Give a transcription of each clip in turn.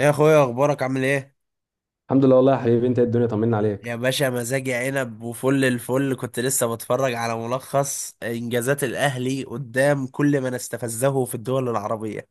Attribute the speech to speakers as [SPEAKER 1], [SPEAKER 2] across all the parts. [SPEAKER 1] ايه يا اخويا، اخبارك؟ عامل ايه؟
[SPEAKER 2] الحمد لله والله يا حبيبي. انت ايه؟ الدنيا طمنا عليك.
[SPEAKER 1] يا باشا، مزاجي عنب وفل الفل. كنت لسه بتفرج على ملخص انجازات الاهلي قدام كل من استفزه في الدول العربية.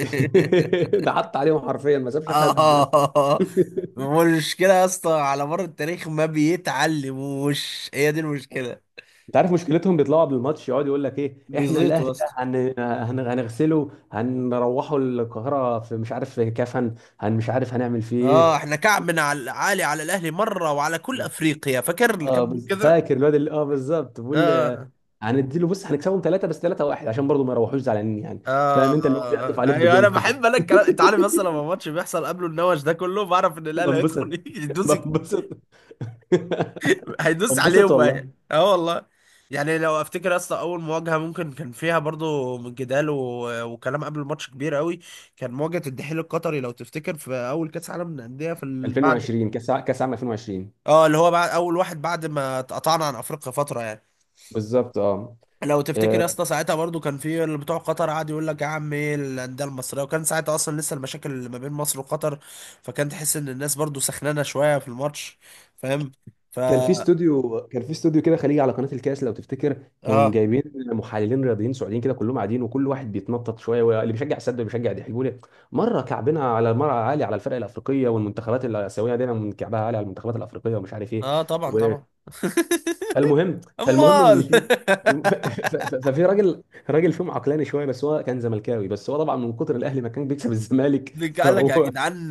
[SPEAKER 2] ده حط عليهم حرفيا، ما سابش حد.
[SPEAKER 1] اه. المشكلة يا اسطى على مر التاريخ ما بيتعلموش، هي دي المشكلة.
[SPEAKER 2] انت عارف مشكلتهم؟ بيطلعوا قبل الماتش يقعد يقول لك ايه، احنا
[SPEAKER 1] بيزيطوا يا
[SPEAKER 2] الاهلي ده
[SPEAKER 1] اسطى.
[SPEAKER 2] هنغسله، هنروحه القاهره، في مش عارف في كفن، مش عارف هنعمل فيه ايه.
[SPEAKER 1] اه، احنا كعب من عالي على الاهلي مرة وعلى كل
[SPEAKER 2] لا.
[SPEAKER 1] افريقيا. فاكر اللي كان
[SPEAKER 2] اه،
[SPEAKER 1] بيقول كده؟
[SPEAKER 2] فاكر الواد اللي بالظبط بيقول لي
[SPEAKER 1] اه
[SPEAKER 2] هنديله، بص هنكسبهم ثلاثه، بس ثلاثه واحد عشان برضه ما يروحوش زعلانين يعني. فاهم؟ انت اللي هو بيعطف عليك
[SPEAKER 1] ايوه،
[SPEAKER 2] بجون
[SPEAKER 1] انا
[SPEAKER 2] كده.
[SPEAKER 1] بحب انا الكلام. انت عارف، مثلا لما الماتش بيحصل، قبله النوش ده كله بعرف ان الاهلي هيدخل
[SPEAKER 2] بنبسط.
[SPEAKER 1] يدوس.
[SPEAKER 2] بنبسط.
[SPEAKER 1] هيدوس
[SPEAKER 2] بنبسط
[SPEAKER 1] عليهم
[SPEAKER 2] والله.
[SPEAKER 1] بقى، اه والله. يعني لو افتكر اصلا، اول مواجهه ممكن كان فيها برضو من جدال و... وكلام قبل الماتش كبير قوي، كان مواجهه الدحيل القطري. لو تفتكر في اول كاس عالم للانديه في بعد،
[SPEAKER 2] 2020، كاس عام 2020.
[SPEAKER 1] اه، اللي هو بعد اول واحد بعد ما اتقطعنا عن افريقيا فتره يعني.
[SPEAKER 2] بالظبط اه.
[SPEAKER 1] لو تفتكر
[SPEAKER 2] آه،
[SPEAKER 1] يا اسطى، ساعتها برضو كان في اللي بتوع قطر قعد يقول لك يا عم ايه الانديه المصريه، وكان ساعتها اصلا لسه المشاكل اللي ما بين مصر وقطر، فكان تحس ان الناس برضو سخنانه شويه في الماتش، فاهم؟ ف
[SPEAKER 2] كان في استوديو كده خليجي على قناة الكاس لو تفتكر، كانوا
[SPEAKER 1] اه
[SPEAKER 2] جايبين محللين رياضيين سعوديين كده كلهم قاعدين، وكل واحد بيتنطط شويه، واللي بيشجع السد واللي بيشجع الحجولي. مره كعبنا على، مره عالي على الفرق الافريقيه والمنتخبات الاسيويه، دايما من كعبها عالي على المنتخبات الافريقيه ومش عارف ايه.
[SPEAKER 1] اه طبعا
[SPEAKER 2] و-
[SPEAKER 1] طبعا.
[SPEAKER 2] فالمهم، فالمهم ان
[SPEAKER 1] امال.
[SPEAKER 2] في فالم- ف- ف- ف- ففي راجل. راجل فيهم عقلاني شويه، بس هو كان زملكاوي، بس هو طبعا من كتر الاهلي ما كان بيكسب الزمالك.
[SPEAKER 1] قال لك يا
[SPEAKER 2] فهو
[SPEAKER 1] جدعان،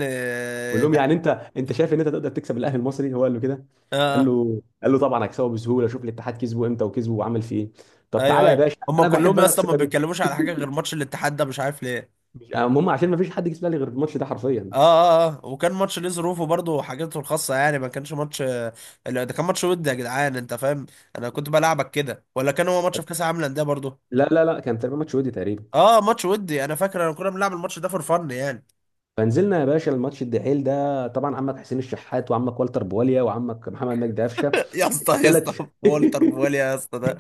[SPEAKER 2] بقول لهم، يعني انت شايف ان انت تقدر تكسب الاهلي المصري؟ هو قال له كده.
[SPEAKER 1] اه
[SPEAKER 2] قال
[SPEAKER 1] آه،
[SPEAKER 2] له طبعا هكسبه بسهوله، شوف الاتحاد كسبه امتى وكسبه وعمل فيه ايه. طب
[SPEAKER 1] ايوه
[SPEAKER 2] تعالى يا
[SPEAKER 1] ايوه،
[SPEAKER 2] باشا،
[SPEAKER 1] هم
[SPEAKER 2] انا
[SPEAKER 1] كلهم
[SPEAKER 2] بحب
[SPEAKER 1] يا اسطى ما
[SPEAKER 2] الثقه دي.
[SPEAKER 1] بيتكلموش على حاجه غير ماتش الاتحاد ده، مش عارف ليه.
[SPEAKER 2] المهم، عشان ما فيش حد كسب الاهلي غير الماتش ده حرفيا.
[SPEAKER 1] وكان ماتش ليه ظروفه برضه وحاجته الخاصه، يعني ما كانش ماتش. لا، ده كان ماتش ودي يا جدعان، انت فاهم؟ انا كنت بلعبك كده، ولا كان هو ماتش في كاس العالم للانديه برضه؟
[SPEAKER 2] لا، كان تقريبا ماتش ودي تقريبا.
[SPEAKER 1] اه، ماتش ودي. انا فاكر انا كنا بنلعب الماتش ده فور فن يعني.
[SPEAKER 2] فنزلنا يا باشا الماتش الدحيل ده، طبعا عمك حسين الشحات وعمك والتر بواليا وعمك محمد مجدي قفشه.
[SPEAKER 1] يا اسطى يا اسطى،
[SPEAKER 2] ثلاث.
[SPEAKER 1] والتر بواليا يا اسطى ده!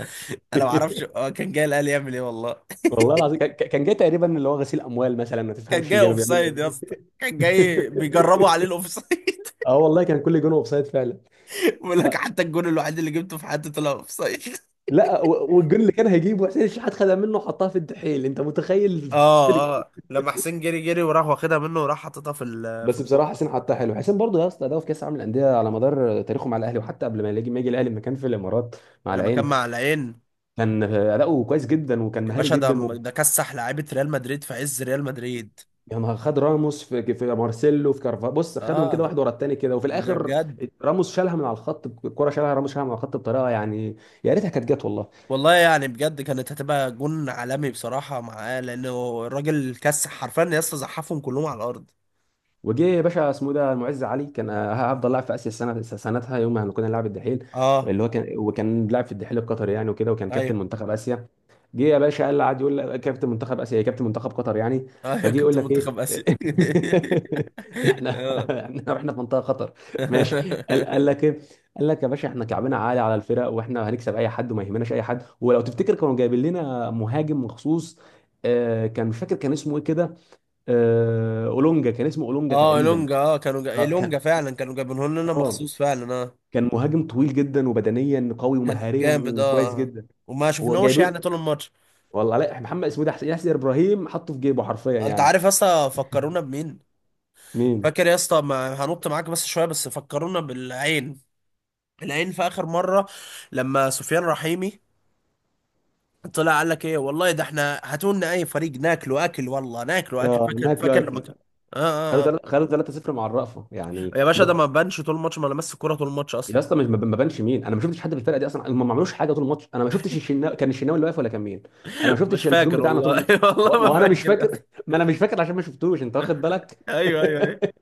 [SPEAKER 1] انا ما اعرفش، كان جاي الاهلي يعمل ايه والله.
[SPEAKER 2] والله العظيم كان جاي تقريبا اللي هو غسيل اموال مثلا، ما
[SPEAKER 1] كان
[SPEAKER 2] تفهمش
[SPEAKER 1] جاي
[SPEAKER 2] كانوا
[SPEAKER 1] اوف
[SPEAKER 2] بيعملوا
[SPEAKER 1] سايد يا اسطى،
[SPEAKER 2] ايه.
[SPEAKER 1] كان جاي بيجربوا عليه الاوف سايد.
[SPEAKER 2] اه والله، كان كل جون اوف سايد فعلا.
[SPEAKER 1] بيقول لك حتى الجون الوحيد اللي جبته في حياتي طلع اوف سايد.
[SPEAKER 2] لا، والجون اللي كان هيجيبه حسين الشحات خدها منه وحطها في الدحيل، انت متخيل؟
[SPEAKER 1] اه اه، لما حسين جري جري وراح واخدها منه وراح حاططها في
[SPEAKER 2] بس بصراحه
[SPEAKER 1] الجون.
[SPEAKER 2] حسين حطها حلو. حسين برضه يا اسطى ده في كاس العالم للانديه على مدار تاريخه مع الاهلي، وحتى قبل ما يجي الاهلي لما كان في الامارات مع
[SPEAKER 1] لما كان
[SPEAKER 2] العين،
[SPEAKER 1] مع العين،
[SPEAKER 2] كان اداؤه كويس جدا وكان
[SPEAKER 1] يا
[SPEAKER 2] مهاري
[SPEAKER 1] باشا ده
[SPEAKER 2] جدا
[SPEAKER 1] ده كسح لعيبه ريال مدريد في عز ريال مدريد.
[SPEAKER 2] يعني خد راموس في مارسيلو في كارفا، بص خدهم
[SPEAKER 1] اه،
[SPEAKER 2] كده واحد ورا التاني كده، وفي
[SPEAKER 1] ده
[SPEAKER 2] الاخر
[SPEAKER 1] بجد.
[SPEAKER 2] راموس شالها من على الخط، الكره شالها راموس شالها من على الخط بطريقه يعني. يا ريتها كانت جت والله.
[SPEAKER 1] والله يعني بجد كانت هتبقى جون عالمي بصراحه معاه، لانه الراجل كسح حرفيا يا اسطى، زحفهم كلهم على الارض.
[SPEAKER 2] وجه يا باشا اسمه ده المعز علي، كان هفضل لاعب في اسيا السنه سنتها يوم ما كنا نلعب الدحيل،
[SPEAKER 1] اه،
[SPEAKER 2] اللي هو كان وكان لاعب في الدحيل القطري يعني وكده، وكان كابتن
[SPEAKER 1] ايوه
[SPEAKER 2] منتخب اسيا. جه يا باشا قال لي، قعد يقول لك كابتن منتخب اسيا كابتن منتخب قطر يعني.
[SPEAKER 1] ايوه.
[SPEAKER 2] فجه يقول
[SPEAKER 1] كنت
[SPEAKER 2] لك ايه.
[SPEAKER 1] منتخب اسيا. اه.
[SPEAKER 2] احنا في منطقه خطر. ماشي، قال لك ايه. قال لك يا باشا احنا كعبنا عالي على الفرق، واحنا هنكسب اي حد وما يهمناش اي حد، ولو تفتكر كانوا جايبين لنا مهاجم مخصوص. كان مش فاكر كان اسمه ايه كده. اولونجا، كان اسمه اولونجا
[SPEAKER 1] اه،
[SPEAKER 2] تقريبا.
[SPEAKER 1] إلونجا. اه، كانوا
[SPEAKER 2] اه كان.
[SPEAKER 1] إلونجا فعلا كانوا جايبينه لنا
[SPEAKER 2] اه
[SPEAKER 1] مخصوص فعلا، اه.
[SPEAKER 2] كان مهاجم طويل جدا وبدنيا قوي
[SPEAKER 1] كان جامد،
[SPEAKER 2] ومهاريا كويس
[SPEAKER 1] اه.
[SPEAKER 2] جدا.
[SPEAKER 1] وما
[SPEAKER 2] هو
[SPEAKER 1] شفناهوش يعني
[SPEAKER 2] جايبين.
[SPEAKER 1] طول الماتش.
[SPEAKER 2] والله، لا محمد، اسمه ده حسين ياسر ابراهيم، حطه في جيبه حرفيا
[SPEAKER 1] انت
[SPEAKER 2] يعني.
[SPEAKER 1] عارف اصلا فكرونا بمين؟
[SPEAKER 2] مين؟
[SPEAKER 1] فاكر يا اسطى، ما هنط معاك بس شويه، بس فكرونا بالعين، العين في اخر مره لما سفيان رحيمي طلع قال لك ايه والله، ده احنا هاتوا لنا اي فريق ناكله اكل والله، ناكله اكل.
[SPEAKER 2] اه
[SPEAKER 1] فاكر،
[SPEAKER 2] ناكل
[SPEAKER 1] فاكر لما كان؟
[SPEAKER 2] اكل.
[SPEAKER 1] آه,
[SPEAKER 2] خدوا
[SPEAKER 1] آه, اه
[SPEAKER 2] خدوا 3-0 مع الرأفة يعني
[SPEAKER 1] يا باشا ده ما بانش طول الماتش، ما لمس الكوره طول الماتش اصلا.
[SPEAKER 2] يا اسطى ما بانش مين، انا ما شفتش حد في الفرقه دي اصلا، هم ما عملوش حاجه طول الماتش. انا ما شفتش كان الشناوي اللي واقف ولا كان مين. انا ما
[SPEAKER 1] مش
[SPEAKER 2] شفتش الجون
[SPEAKER 1] فاكر
[SPEAKER 2] بتاعنا طول
[SPEAKER 1] والله.
[SPEAKER 2] الماتش.
[SPEAKER 1] والله
[SPEAKER 2] ما
[SPEAKER 1] ما
[SPEAKER 2] هو انا مش
[SPEAKER 1] فاكر يا
[SPEAKER 2] فاكر.
[SPEAKER 1] اسطى،
[SPEAKER 2] ما انا مش فاكر عشان ما شفتوش، انت واخد بالك.
[SPEAKER 1] ايوه ايوه ايوه.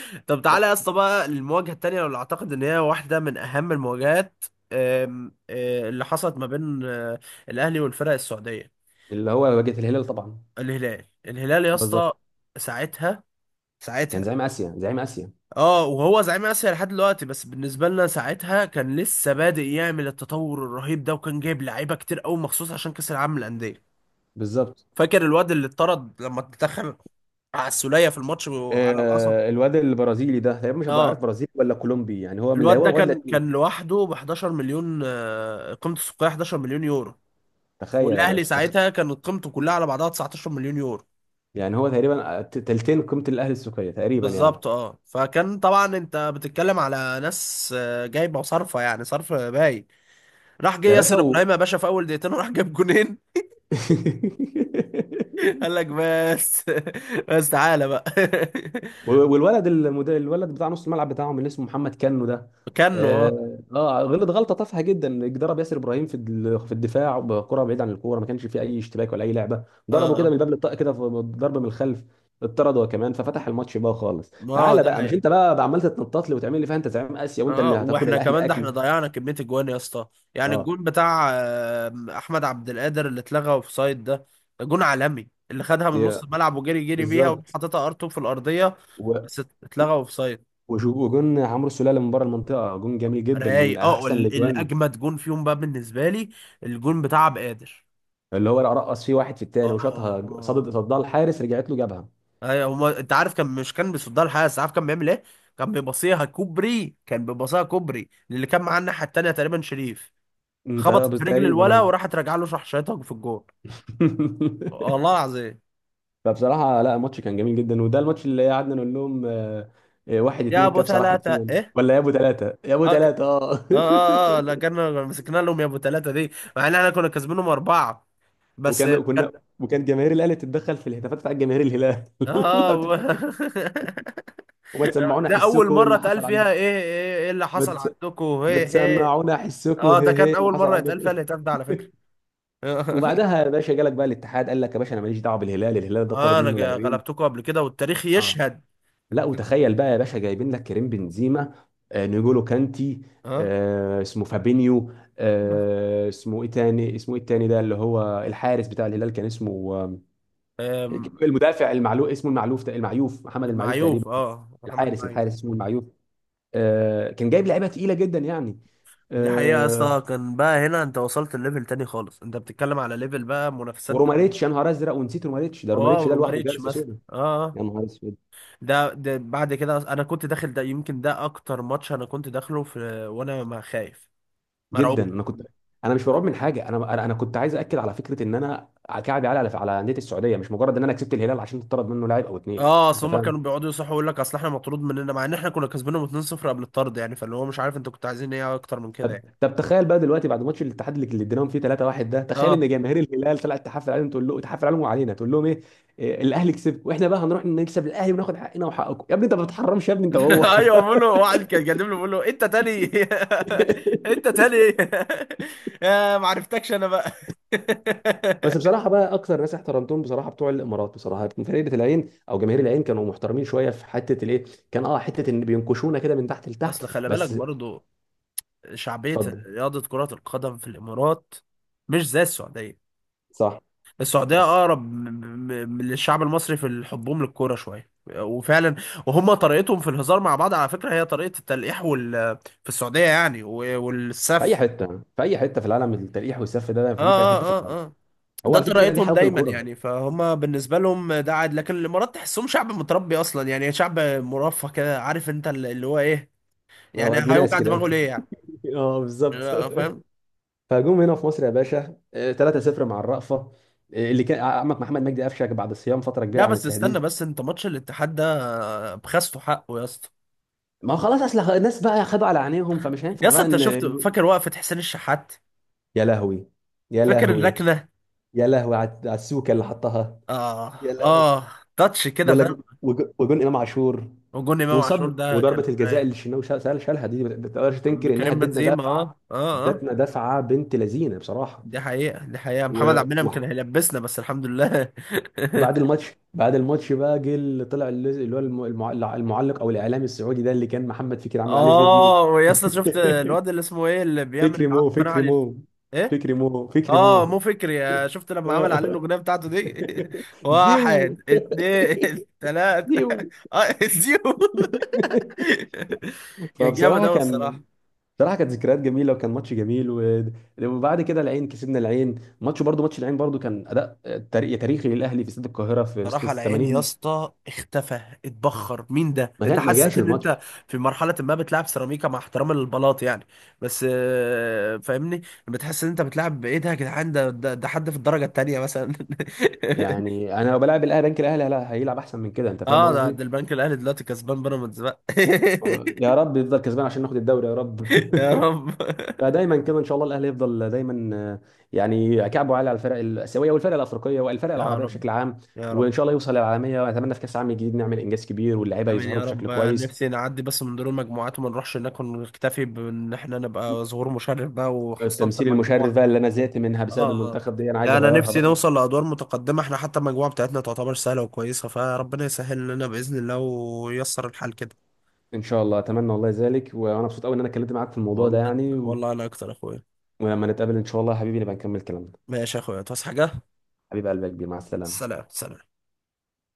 [SPEAKER 1] طب تعالى يا اسطى بقى، المواجهه التانيه اللي اعتقد ان هي واحده من اهم المواجهات، آم، آه، اللي حصلت ما بين الاهلي والفرق السعوديه.
[SPEAKER 2] اللي هو واجهه الهلال طبعا.
[SPEAKER 1] الهلال، الهلال يا
[SPEAKER 2] بالظبط.
[SPEAKER 1] اسطى. ساعتها،
[SPEAKER 2] كان
[SPEAKER 1] ساعتها،
[SPEAKER 2] زعيم اسيا
[SPEAKER 1] اه، وهو زعيم اسيا لحد دلوقتي، بس بالنسبه لنا ساعتها كان لسه بادئ يعمل التطور الرهيب ده، وكان جايب لعيبه كتير قوي مخصوص عشان كاس العالم للانديه.
[SPEAKER 2] بالظبط.
[SPEAKER 1] فاكر الواد اللي اتطرد لما اتدخل على السوليه في الماتش وعلى القصب؟
[SPEAKER 2] آه، الواد البرازيلي ده تقريبا، مش هبقى عارف
[SPEAKER 1] اه.
[SPEAKER 2] برازيلي ولا كولومبي، يعني هو من
[SPEAKER 1] الواد ده
[SPEAKER 2] لاهوت، واد
[SPEAKER 1] كان
[SPEAKER 2] لاتيني.
[SPEAKER 1] كان لوحده ب 11 مليون، قيمته السوقيه 11 مليون يورو،
[SPEAKER 2] تخيل يا
[SPEAKER 1] والاهلي
[SPEAKER 2] باشا
[SPEAKER 1] ساعتها كانت قيمته كلها على بعضها 19 مليون يورو.
[SPEAKER 2] يعني هو تقريبا تلتين قيمه الاهلي السوقيه تقريبا يعني.
[SPEAKER 1] بالظبط. اه، فكان طبعا انت بتتكلم على ناس جايبه وصرفه، يعني صرف باي. راح جه
[SPEAKER 2] يا باشا
[SPEAKER 1] ياسر ابراهيم يا باشا في اول دقيقتين وراح جاب جونين. قال لك بس. بس تعالى بقى.
[SPEAKER 2] والولد الولد بتاع نص الملعب بتاعهم اللي اسمه محمد كنو ده،
[SPEAKER 1] كانه،
[SPEAKER 2] اه غلط غلطه تافهه جدا، ضرب ياسر ابراهيم في في الدفاع بكره بعيد عن الكوره، ما كانش فيه اي اشتباك ولا اي لعبه.
[SPEAKER 1] اه
[SPEAKER 2] ضربه كده من
[SPEAKER 1] اه
[SPEAKER 2] الباب للطاق كده ضرب من الخلف. اتطرد هو كمان، ففتح الماتش بقى خالص.
[SPEAKER 1] ما
[SPEAKER 2] تعالى
[SPEAKER 1] ده
[SPEAKER 2] بقى، مش
[SPEAKER 1] حقيقة.
[SPEAKER 2] انت بقى عمال تتنطط لي وتعمل لي فيها انت زعيم اسيا وانت
[SPEAKER 1] اه،
[SPEAKER 2] اللي هتاكل
[SPEAKER 1] واحنا
[SPEAKER 2] الاهلي
[SPEAKER 1] كمان ده احنا
[SPEAKER 2] اكل.
[SPEAKER 1] ضيعنا كمية الجوان يا اسطى. يعني
[SPEAKER 2] اه.
[SPEAKER 1] الجون بتاع احمد عبد القادر اللي اتلغى اوفسايد ده، ده جون عالمي، اللي خدها من نص
[SPEAKER 2] يا-
[SPEAKER 1] الملعب وجري جري بيها
[SPEAKER 2] بالظبط.
[SPEAKER 1] وحطيتها ار2 في الارضية،
[SPEAKER 2] و-
[SPEAKER 1] بس اتلغى اوفسايد.
[SPEAKER 2] وشو- وجون عمرو السوليه من بره المنطقه، جون جميل جدا من
[SPEAKER 1] رايق، اه.
[SPEAKER 2] احسن الاجوان،
[SPEAKER 1] الاجمد جون فيهم بقى بالنسبه لي، الجون بتاع عبد القادر.
[SPEAKER 2] اللي هو رقص فيه واحد في التاني
[SPEAKER 1] اه اه
[SPEAKER 2] وشاطها، صدت
[SPEAKER 1] آه.
[SPEAKER 2] الحارس رجعت له جابها.
[SPEAKER 1] ايوه، هما انت عارف، كان مش كان بيصدها الحارس، عارف كان بيعمل ايه؟ كان بيبصيها كوبري، كان بيبصيها كوبري، اللي كان معاه الناحيه التانيه تقريبا شريف،
[SPEAKER 2] انت
[SPEAKER 1] خبطت
[SPEAKER 2] بس
[SPEAKER 1] في رجل
[SPEAKER 2] تقريبا
[SPEAKER 1] الولا
[SPEAKER 2] اه.
[SPEAKER 1] وراحت راجعه له راح شايطها في الجون، والله العظيم.
[SPEAKER 2] فبصراحه لا، الماتش كان جميل جدا، وده الماتش اللي قعدنا نقول لهم، واحد
[SPEAKER 1] يا
[SPEAKER 2] اتنين،
[SPEAKER 1] ابو
[SPEAKER 2] الكبسه راحت
[SPEAKER 1] ثلاثه
[SPEAKER 2] فين؟
[SPEAKER 1] ايه؟
[SPEAKER 2] ولا يا ابو ثلاثه يا ابو
[SPEAKER 1] اه ك-
[SPEAKER 2] ثلاثه، اه.
[SPEAKER 1] لا، كنا مسكنا لهم يا ابو ثلاثه دي، مع ان احنا كنا كاسبينهم اربعه. بس
[SPEAKER 2] وكان
[SPEAKER 1] كان،
[SPEAKER 2] كنا وكان جماهير الاهلي تتدخل في الهتافات بتاعت جماهير الهلال لو
[SPEAKER 1] اه.
[SPEAKER 2] تفتكر، وما تسمعونا
[SPEAKER 1] ده اول
[SPEAKER 2] حسكم
[SPEAKER 1] مره
[SPEAKER 2] اللي
[SPEAKER 1] اتقال
[SPEAKER 2] حصل عندكم.
[SPEAKER 1] فيها ايه ايه ايه اللي
[SPEAKER 2] ما
[SPEAKER 1] حصل
[SPEAKER 2] تس-
[SPEAKER 1] عندكم
[SPEAKER 2] ما
[SPEAKER 1] ايه ايه.
[SPEAKER 2] تسمعونا حسكم
[SPEAKER 1] اه، ده
[SPEAKER 2] هي هي
[SPEAKER 1] كان
[SPEAKER 2] اللي
[SPEAKER 1] اول
[SPEAKER 2] حصل
[SPEAKER 1] مره يتقال
[SPEAKER 2] عندكم.
[SPEAKER 1] فيها الهتاف ده على فكره.
[SPEAKER 2] وبعدها يا باشا جالك بقى الاتحاد، قال لك يا باشا انا ماليش دعوه بالهلال، الهلال ده طرد
[SPEAKER 1] اه، انا
[SPEAKER 2] منه لاعبين.
[SPEAKER 1] غلبتكم قبل كده، والتاريخ
[SPEAKER 2] اه.
[SPEAKER 1] يشهد.
[SPEAKER 2] لا، وتخيل بقى يا باشا، جايبين لك كريم بنزيما، آه نيجولو كانتي،
[SPEAKER 1] اه،
[SPEAKER 2] آه اسمه فابينيو. آه اسمه ايه تاني، اسمه ايه التاني ده اللي هو الحارس بتاع الهلال، كان اسمه آه،
[SPEAKER 1] آم،
[SPEAKER 2] المدافع المعلوف، اسمه المعلوف، المعيوف، محمد المعيوف تقريبا.
[SPEAKER 1] معيوف. اه، محمد
[SPEAKER 2] الحارس
[SPEAKER 1] معيوف.
[SPEAKER 2] اسمه المعيوف. آه كان جايب لعيبه تقيله جدا يعني.
[SPEAKER 1] دي حقيقة يا
[SPEAKER 2] آه،
[SPEAKER 1] اسطى، كان بقى هنا انت وصلت لليفل تاني خالص، انت بتتكلم على ليفل بقى منافسات
[SPEAKER 2] وروماريتش، يا
[SPEAKER 1] دولية.
[SPEAKER 2] نهار ازرق ونسيت روماريتش. ده
[SPEAKER 1] اه،
[SPEAKER 2] روماريتش ده لوحده
[SPEAKER 1] وروماريتش
[SPEAKER 2] جالس يا
[SPEAKER 1] مثلا،
[SPEAKER 2] سودا.
[SPEAKER 1] اه. آه.
[SPEAKER 2] يا نهار اسود.
[SPEAKER 1] ده بعد كده انا كنت داخل، ده يمكن ده اكتر ماتش انا كنت داخله في، وانا ما خايف،
[SPEAKER 2] جدا
[SPEAKER 1] مرعوب.
[SPEAKER 2] انا كنت. انا مش مرعوب من حاجه، انا انا أنا كنت عايز اكد على فكره ان انا كعبي عالي على انديه السعوديه، مش مجرد ان انا كسبت الهلال عشان تطرد منه لاعب او اتنين،
[SPEAKER 1] اه، اصل
[SPEAKER 2] انت
[SPEAKER 1] هم
[SPEAKER 2] فاهم.
[SPEAKER 1] كانوا بيقعدوا يصحوا يقول لك اصل احنا مطرود مننا، مع ان احنا كنا كسبانهم 2-0 قبل الطرد يعني، فاللي هو مش عارف انتوا كنتوا عايزين ايه اكتر من كده
[SPEAKER 2] طب
[SPEAKER 1] يعني.
[SPEAKER 2] طب تخيل بقى دلوقتي بعد ماتش الاتحاد اللي اديناهم فيه 3-1 ده، تخيل
[SPEAKER 1] اه.
[SPEAKER 2] ان جماهير الهلال طلعت تحفل عليهم، تقول له تحفل عليهم وعلينا. تقول لهم ايه؟ الاهلي كسب واحنا بقى هنروح نكسب الاهلي وناخد حقنا وحقكم يا ابني، انت ما بتحرمش يا ابني انت وهو.
[SPEAKER 1] ايوه، بقول له واحد كان جايب له بقول له انت تاني. انت تاني. يا ما عرفتكش انا بقى.
[SPEAKER 2] بس بصراحه بقى، اكتر ناس احترمتهم بصراحه بتوع الامارات، بصراحه من فرقه العين او جماهير العين كانوا محترمين شويه في حته الايه. كان اه حته ان بينكشونا كده من تحت لتحت
[SPEAKER 1] اصل خلي بالك
[SPEAKER 2] بس.
[SPEAKER 1] برضو شعبية
[SPEAKER 2] اتفضل.
[SPEAKER 1] رياضة كرة القدم في الامارات مش زي السعودية.
[SPEAKER 2] صح.
[SPEAKER 1] السعودية
[SPEAKER 2] صح،
[SPEAKER 1] أقرب للشعب المصري في حبهم للكورة شوية وفعلا. وهم طريقتهم في الهزار مع بعض على فكرة هي طريقة التلقيح في السعودية يعني.
[SPEAKER 2] في اي
[SPEAKER 1] والسف،
[SPEAKER 2] حته، في اي حته في العالم، التلقيح والسف ده
[SPEAKER 1] اه
[SPEAKER 2] موجود في اي حته في
[SPEAKER 1] اه
[SPEAKER 2] العالم.
[SPEAKER 1] اه اه
[SPEAKER 2] هو
[SPEAKER 1] ده
[SPEAKER 2] على فكره دي
[SPEAKER 1] طريقتهم
[SPEAKER 2] حلاوه
[SPEAKER 1] دايما
[SPEAKER 2] الكوره.
[SPEAKER 1] يعني، فهم بالنسبة لهم ده عادي. لكن الإمارات تحسهم شعب متربي أصلا، يعني شعب مرفه كده، عارف أنت اللي هو إيه. يعني
[SPEAKER 2] اه ابن ناس
[SPEAKER 1] هيوجع دماغه
[SPEAKER 2] كده.
[SPEAKER 1] ليه يعني؟
[SPEAKER 2] اه بالظبط.
[SPEAKER 1] لا، فاهم.
[SPEAKER 2] فجم هنا في مصر يا باشا 3-0 مع الرأفة. اللي كان عمك محمد مجدي قفشك بعد صيام فتره كبيره
[SPEAKER 1] لا،
[SPEAKER 2] عن
[SPEAKER 1] بس استنى
[SPEAKER 2] التهديد.
[SPEAKER 1] بس، أنت ماتش الاتحاد ده بخسته حقه يا اسطى.
[SPEAKER 2] ما هو خلاص، اصل الناس بقى خدوا على عينيهم، فمش
[SPEAKER 1] يا
[SPEAKER 2] هينفع
[SPEAKER 1] اسطى
[SPEAKER 2] بقى
[SPEAKER 1] أنت
[SPEAKER 2] ان.
[SPEAKER 1] شفت؟ فاكر وقفة حسين الشحات؟
[SPEAKER 2] يا لهوي. يا
[SPEAKER 1] فاكر
[SPEAKER 2] لهوي.
[SPEAKER 1] اللكنة؟
[SPEAKER 2] يا لهوي على السوكه اللي حطها.
[SPEAKER 1] اه
[SPEAKER 2] يا لهوي.
[SPEAKER 1] اه، تاتش كده،
[SPEAKER 2] ولا
[SPEAKER 1] فاهم؟
[SPEAKER 2] وجون امام عاشور.
[SPEAKER 1] وجون امام عاشور
[SPEAKER 2] وصد،
[SPEAKER 1] ده كان
[SPEAKER 2] وضربه الجزاء اللي الشناوي شالها دي، ما تقدرش تنكر انها
[SPEAKER 1] كريم
[SPEAKER 2] ادتنا
[SPEAKER 1] بنزيما.
[SPEAKER 2] دفعه.
[SPEAKER 1] اه
[SPEAKER 2] ادتنا دفعه بنت لذينه بصراحه.
[SPEAKER 1] دي حقيقة، دي حقيقة.
[SPEAKER 2] و...
[SPEAKER 1] محمد عبد المنعم
[SPEAKER 2] و...
[SPEAKER 1] كان هيلبسنا، بس الحمد لله.
[SPEAKER 2] وبعد الماتش بعد الماتش بقى جه اللي طلع، اللي اللي هو المعلق او الاعلامي السعودي ده، اللي كان محمد فكري عمل عليه فيديو.
[SPEAKER 1] اه، ويا اسطى شفت الواد اللي اسمه ايه اللي بيعمل
[SPEAKER 2] فكري
[SPEAKER 1] عنده
[SPEAKER 2] مو،
[SPEAKER 1] قناة على
[SPEAKER 2] فكري
[SPEAKER 1] اليوتيوب؟
[SPEAKER 2] مو.
[SPEAKER 1] ايه؟
[SPEAKER 2] فكري مو فكري
[SPEAKER 1] اه، مو
[SPEAKER 2] مو
[SPEAKER 1] فكري. شفت لما عمل عليه
[SPEAKER 2] آه.
[SPEAKER 1] الاغنية بتاعته دي؟
[SPEAKER 2] زيو.
[SPEAKER 1] واحد اتنين تلاتة.
[SPEAKER 2] زيو.
[SPEAKER 1] اه، زيرو. كان جامد
[SPEAKER 2] فبصراحه
[SPEAKER 1] اوي
[SPEAKER 2] كان،
[SPEAKER 1] الصراحة.
[SPEAKER 2] بصراحه كانت ذكريات جميله، وكان ماتش جميل وبعد كده العين، كسبنا العين ماتش برضو. ماتش العين برضو كان اداء تاريخي للاهلي في استاد القاهره في وسط
[SPEAKER 1] صراحة على عيني يا
[SPEAKER 2] 80.
[SPEAKER 1] اسطى، اختفى، اتبخر، مين ده؟
[SPEAKER 2] ما
[SPEAKER 1] انت
[SPEAKER 2] كان، ما
[SPEAKER 1] حسيت
[SPEAKER 2] جاش
[SPEAKER 1] ان
[SPEAKER 2] الماتش.
[SPEAKER 1] انت في مرحلة ما بتلعب سيراميكا مع احترام البلاط يعني، بس فاهمني؟ لما تحس ان انت بتلعب بايه ده يا جدعان، ده حد في الدرجة التانية مثلا.
[SPEAKER 2] يعني انا لو بلعب الاهلي بنك الاهلي، لا هيلعب احسن من كده، انت فاهم
[SPEAKER 1] اه، ده
[SPEAKER 2] قصدي.
[SPEAKER 1] ده البنك الاهلي دلوقتي كسبان بيراميدز بقى.
[SPEAKER 2] يا رب يفضل كسبان عشان ناخد الدوري يا رب.
[SPEAKER 1] يا رب،
[SPEAKER 2] فدايما كده ان شاء الله الاهلي يفضل دايما، يعني كعبه عالي على الفرق الاسيويه والفرق الافريقيه والفرق
[SPEAKER 1] يا
[SPEAKER 2] العربيه
[SPEAKER 1] رب،
[SPEAKER 2] بشكل عام.
[SPEAKER 1] يا
[SPEAKER 2] وان
[SPEAKER 1] رب.
[SPEAKER 2] شاء الله يوصل للعالميه، واتمنى في كاس العالم الجديد نعمل انجاز كبير، واللعيبه
[SPEAKER 1] امين
[SPEAKER 2] يظهروا
[SPEAKER 1] يا
[SPEAKER 2] بشكل
[SPEAKER 1] رب،
[SPEAKER 2] كويس.
[SPEAKER 1] نفسي نعدي بس من دور المجموعات وما نروحش هناك، ونكتفي بان احنا نبقى ظهور مشرف بقى، وحصلت
[SPEAKER 2] التمثيل المشرف
[SPEAKER 1] المجموعة.
[SPEAKER 2] بقى اللي انا زهقت منها بسبب
[SPEAKER 1] اه اه،
[SPEAKER 2] المنتخب دي، انا عايز
[SPEAKER 1] لا انا
[SPEAKER 2] اغيرها
[SPEAKER 1] نفسي
[SPEAKER 2] بقى.
[SPEAKER 1] نوصل لادوار متقدمه. احنا حتى المجموعه بتاعتنا تعتبر سهله وكويسه، فربنا يسهل لنا باذن الله وييسر الحال كده.
[SPEAKER 2] ان شاء الله اتمنى والله ذلك، وانا مبسوط قوي ان انا اتكلمت معاك في الموضوع ده
[SPEAKER 1] والله،
[SPEAKER 2] يعني
[SPEAKER 1] والله انا اكتر يا اخويا.
[SPEAKER 2] ولما نتقابل ان شاء الله يا حبيبي نبقى نكمل كلامنا.
[SPEAKER 1] ماشي يا اخويا، تصحى حاجه.
[SPEAKER 2] حبيب قلبي يا كبير، مع السلامه.
[SPEAKER 1] سلام، سلام.